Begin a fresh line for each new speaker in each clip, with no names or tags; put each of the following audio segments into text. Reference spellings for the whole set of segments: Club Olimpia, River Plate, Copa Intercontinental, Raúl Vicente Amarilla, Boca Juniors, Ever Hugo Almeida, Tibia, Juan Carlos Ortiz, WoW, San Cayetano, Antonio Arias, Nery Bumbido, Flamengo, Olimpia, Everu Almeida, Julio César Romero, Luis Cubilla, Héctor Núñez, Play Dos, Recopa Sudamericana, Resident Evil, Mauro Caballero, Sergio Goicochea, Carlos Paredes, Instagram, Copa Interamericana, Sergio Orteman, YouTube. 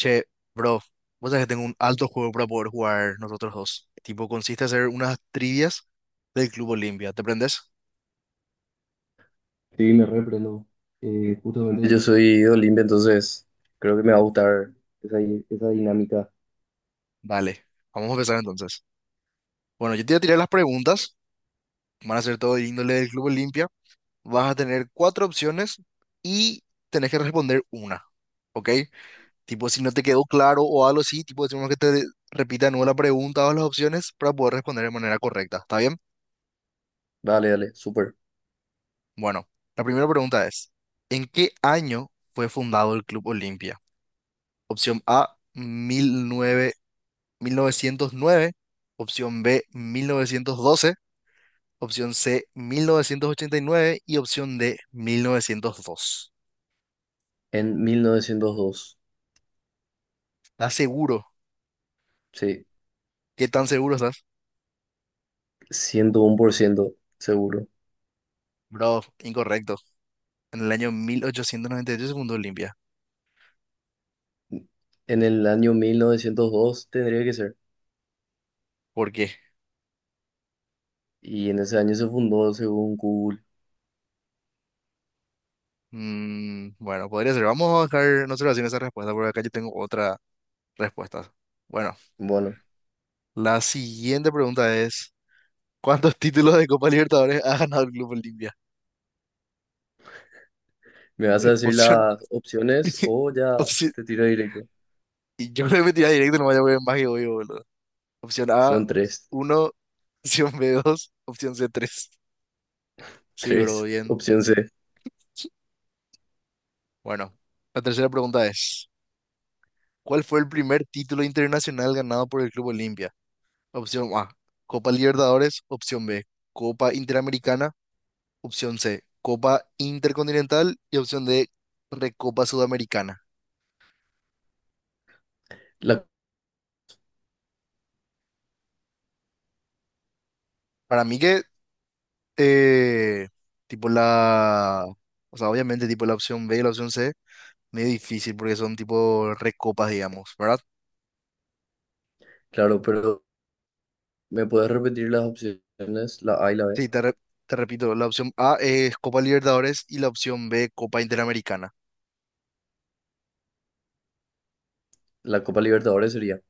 Che, bro, vos sabés que tengo un alto juego para poder jugar nosotros dos. Tipo, consiste en hacer unas trivias del Club Olimpia. ¿Te prendes?
Sí, me reprendo. Justamente yo soy, entonces creo que me va a gustar esa, esa dinámica.
Dale, vamos a empezar entonces. Bueno, yo te voy a tirar las preguntas. Van a ser todo de índole del Club Olimpia. Vas a tener cuatro opciones y tenés que responder una. ¿Ok? Tipo, si no te quedó claro o algo así, tipo, decimos que te repita de nuevo la pregunta o las opciones para poder responder de manera correcta. ¿Está bien?
Dale, dale, súper.
Bueno, la primera pregunta es: ¿en qué año fue fundado el Club Olimpia? Opción A, 1909. Opción B, 1912. Opción C, 1989. Y opción D, 1902.
En 1902.
¿Estás seguro?
Sí,
¿Qué tan seguro estás?
101% seguro.
Bro, incorrecto. En el año 1898 se fundó Olimpia.
En el año 1902 tendría que ser.
¿Por qué?
Y en ese año se fundó según Google.
Mm, bueno, podría ser. Vamos a dejar, no se lo hacen esa respuesta porque acá yo tengo otra respuesta. Bueno,
Bueno,
la siguiente pregunta es: ¿cuántos títulos de Copa Libertadores ha ganado el Club Olimpia?
¿me vas a decir
Opción.
las opciones o ya
opción-
te tiro directo?
Y yo creo que me tiré directo, no vaya a ver más que obvio, boludo. Opción A,
Son tres.
uno. Opción B, dos. Opción C, tres. Sí, bro,
Tres.
bien.
Opción C.
Bueno, la tercera pregunta es: ¿cuál fue el primer título internacional ganado por el Club Olimpia? Opción A, Copa Libertadores. Opción B, Copa Interamericana. Opción C, Copa Intercontinental. Y opción D, Recopa Sudamericana.
La,
Para mí que Eh, tipo o sea, obviamente tipo la opción B y la opción C, medio difícil porque son tipo recopas, digamos, ¿verdad?
claro, pero ¿me puedes repetir las opciones? La A y la B.
Sí, te, re- Te repito, la opción A es Copa Libertadores y la opción B Copa Interamericana.
La Copa Libertadores sería.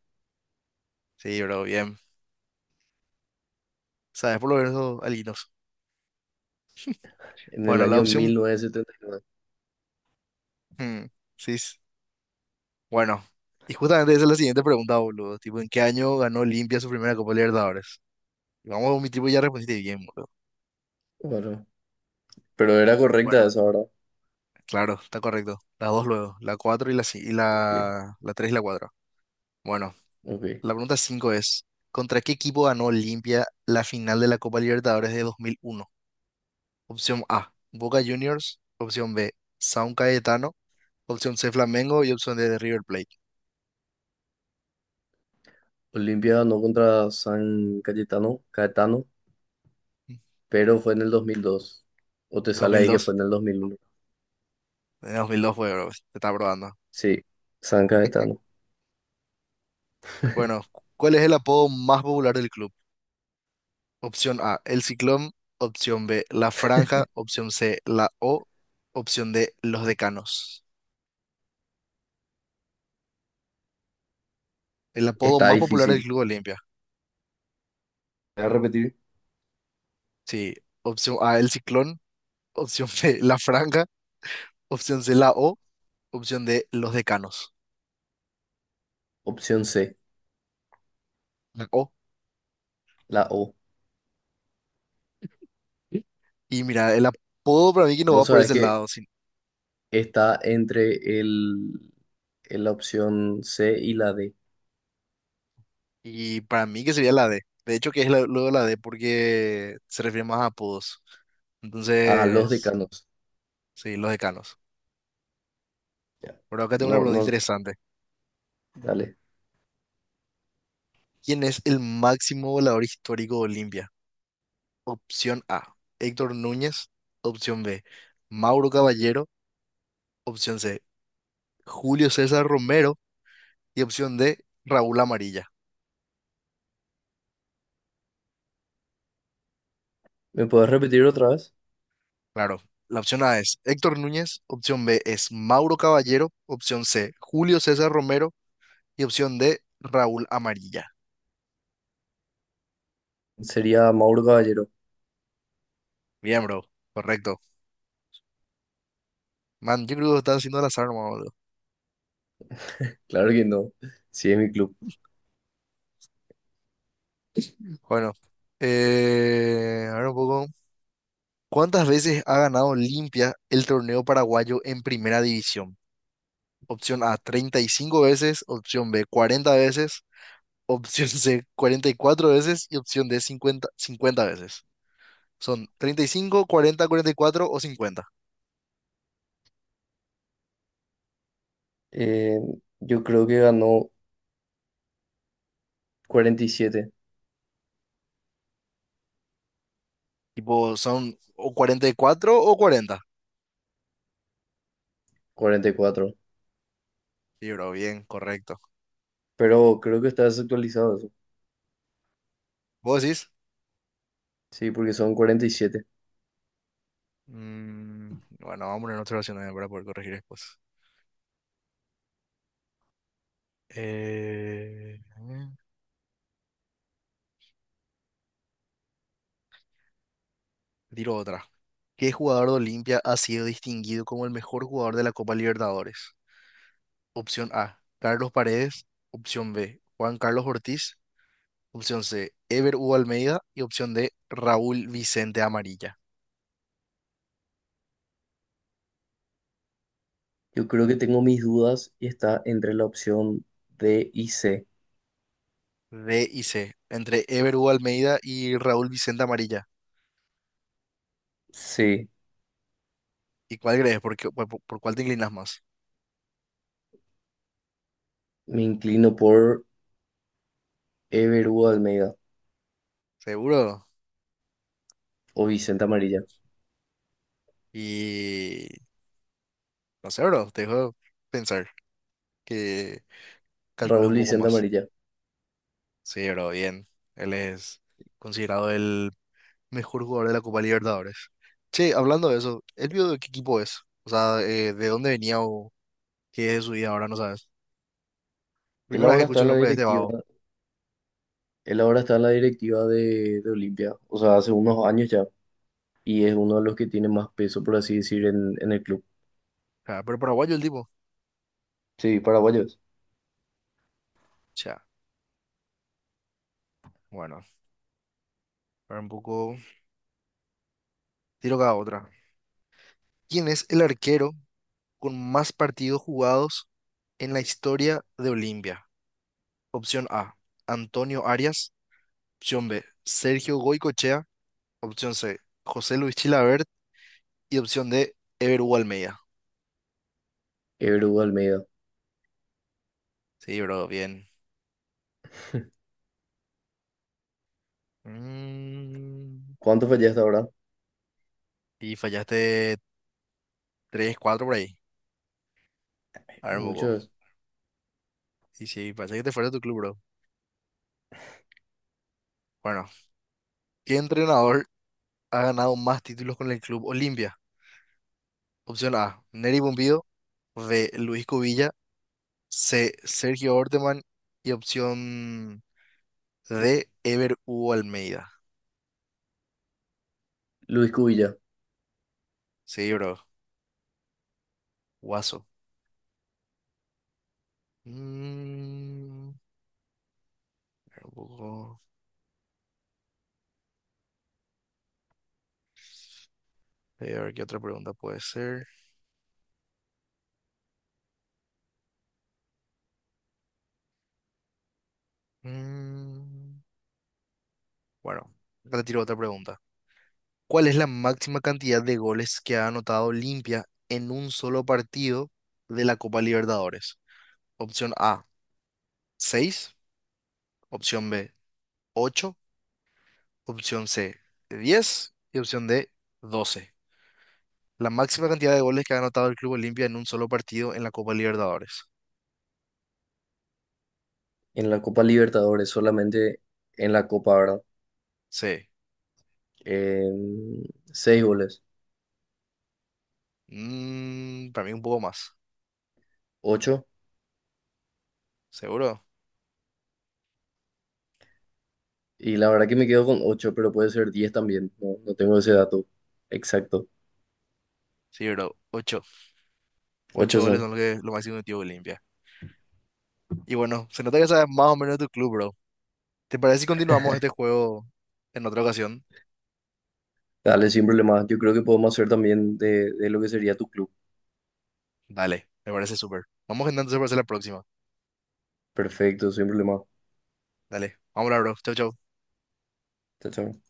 Sí, bro, bien. ¿Sabes por lo menos algunos?
En el
Bueno, la
año 1979.
hmm, sí, s- bueno. Y justamente esa es la siguiente pregunta, boludo. Tipo, ¿en qué año ganó Olimpia su primera Copa Libertadores? Y vamos, mi tipo ya respondiste bien, boludo.
Claro, pero era correcta
Bueno,
esa, ¿verdad?
claro, está correcto. La dos luego, la 4 y la, ci- y
Ok,
la, la 3 y la 4. Bueno,
ok.
la pregunta 5 es: ¿contra qué equipo ganó Olimpia la final de la Copa Libertadores de 2001? Opción A, Boca Juniors. Opción B, San Cayetano. Opción C, Flamengo. Y opción D, River Plate.
Olimpia ganó contra San Cayetano, Caetano, pero fue en el 2002. O te
Dos
sale
mil
ahí que fue
dos.
en el 2001.
En 2002 fue, bro. Te está probando.
Sí, San Cayetano.
Bueno, ¿cuál es el apodo más popular del club? Opción A, El Ciclón. Opción B, La Franja. Opción C, La O. Opción D, Los Decanos. El apodo
Está
más popular del
difícil.
Club Olimpia.
Voy a repetir.
Sí. Opción A, el Ciclón. Opción B, la Franja. Opción C, la O. Opción D, los Decanos.
Opción C,
La O.
la O.
Y mira, el apodo para mí que no va
Vos
por
sabés
ese
que
lado.
está entre la opción C y la D.
Y para mí que sería la D. De hecho, que es luego la D porque se refiere más a apodos.
Ah, los
Entonces,
decanos.
sí, los Decanos.
Ya.
Pero acá tengo una
No,
pregunta
no,
interesante.
dale.
¿Quién es el máximo volador histórico de Olimpia? Opción A, Héctor Núñez. Opción B, Mauro Caballero. Opción C, Julio César Romero. Y opción D, Raúl Amarilla.
¿Me puedes repetir otra vez?
Claro, la opción A es Héctor Núñez, opción B es Mauro Caballero, opción C, Julio César Romero, y opción D, Raúl Amarilla.
Sería Mauro Caballero.
Bien, bro, correcto. Man, yo creo que lo estás haciendo al azar, nomás, boludo.
Claro que no. Sí, es mi club.
Bueno, a ver un poco. ¿Cuántas veces ha ganado Limpia el torneo paraguayo en primera división? Opción A, 35 veces; opción B, 40 veces; opción C, 44 veces; y opción D, cincuenta veces. Son 35, 40, 44 o 50.
Eh, yo creo que ganó cuarenta y siete,
Tipo, son o 44 o 40.
44.
Sí, bro, bien, correcto.
Pero creo que está desactualizado eso.
¿Vos decís?
Sí, porque son 47.
Mm, bueno, vamos a poner otra opción también para poder corregir después. Eh, tiro otra. ¿Qué jugador de Olimpia ha sido distinguido como el mejor jugador de la Copa Libertadores? Opción A, Carlos Paredes. Opción B, Juan Carlos Ortiz. Opción C, Ever Hugo Almeida. Y opción D, Raúl Vicente Amarilla.
Yo creo que tengo mis dudas y está entre la opción D y C.
D y C. Entre Ever Hugo Almeida y Raúl Vicente Amarilla.
Sí,
¿Y cuál crees? ¿Por, qué- por- Cuál te inclinas más?
me inclino por Everu Almeida
¿Seguro?
o Vicente Amarilla.
Y... no sé, bro. Te dejo pensar, que calcules
Raúl
un poco
Vicente
más.
Amarilla.
Sí, bro, bien. Él es considerado el mejor jugador de la Copa Libertadores. Che, hablando de eso, ¿él vio de qué equipo es? O sea, ¿de dónde venía o qué es de su vida ahora? No sabes.
Él
Primera vez que
ahora está
escucho el
en la
nombre de este
directiva,
vago.
él ahora está en la directiva de Olimpia, o sea, hace unos años ya, y es uno de los que tiene más peso, por así decir, en el club.
Sea, pero paraguayo el tipo. O
Sí, paraguayos.
sea, bueno, para un poco, tiro cada otra. ¿Quién es el arquero con más partidos jugados en la historia de Olimpia? Opción A, Antonio Arias. Opción B, Sergio Goicochea. Opción C, José Luis Chilabert. Y opción D, Ever Hugo Almeida.
Qué Almeida.
Sí, bro, bien. Mm,
¿Cuánto fallé hasta ahora?
y fallaste tres, cuatro, por ahí. A ver, un poco.
Muchos.
Sí, sí, parece que te fuera de tu club, bro. Bueno, ¿qué entrenador ha ganado más títulos con el club Olimpia? Opción A, Nery Bumbido. B, Luis Cubilla. C, Sergio Orteman. Y opción D, Ever Hugo Almeida.
Luis Cubilla.
Sí, bro. Guaso. Mm, espera un poco. A ver qué otra pregunta puede ser. Mm, bueno, retiro otra pregunta. ¿Cuál es la máxima cantidad de goles que ha anotado Olimpia en un solo partido de la Copa Libertadores? Opción A, seis. Opción B, ocho. Opción C, diez. Y opción D, doce. La máxima cantidad de goles que ha anotado el Club Olimpia en un solo partido en la Copa Libertadores.
En la Copa Libertadores, solamente en la Copa, ¿verdad?
C.
Em, Seis goles.
Mm, para mí un poco más.
Ocho.
¿Seguro?
Y la verdad que me quedo con ocho, pero puede ser 10 también. No, no tengo ese dato exacto.
Sí, bro. Ocho,
Ocho
ocho goles
son.
son lo que lo máximo que metió Olimpia. Y bueno, se nota que sabes más o menos de tu club, bro. ¿Te parece si continuamos este juego en otra ocasión?
Dale, sin problema. Yo creo que podemos hacer también de lo que sería tu club.
Dale, me parece súper. Vamos entonces para hacer la próxima.
Perfecto, sin problema.
Dale, vamos a hablar, bro. Chau, chau.
Chao, chao.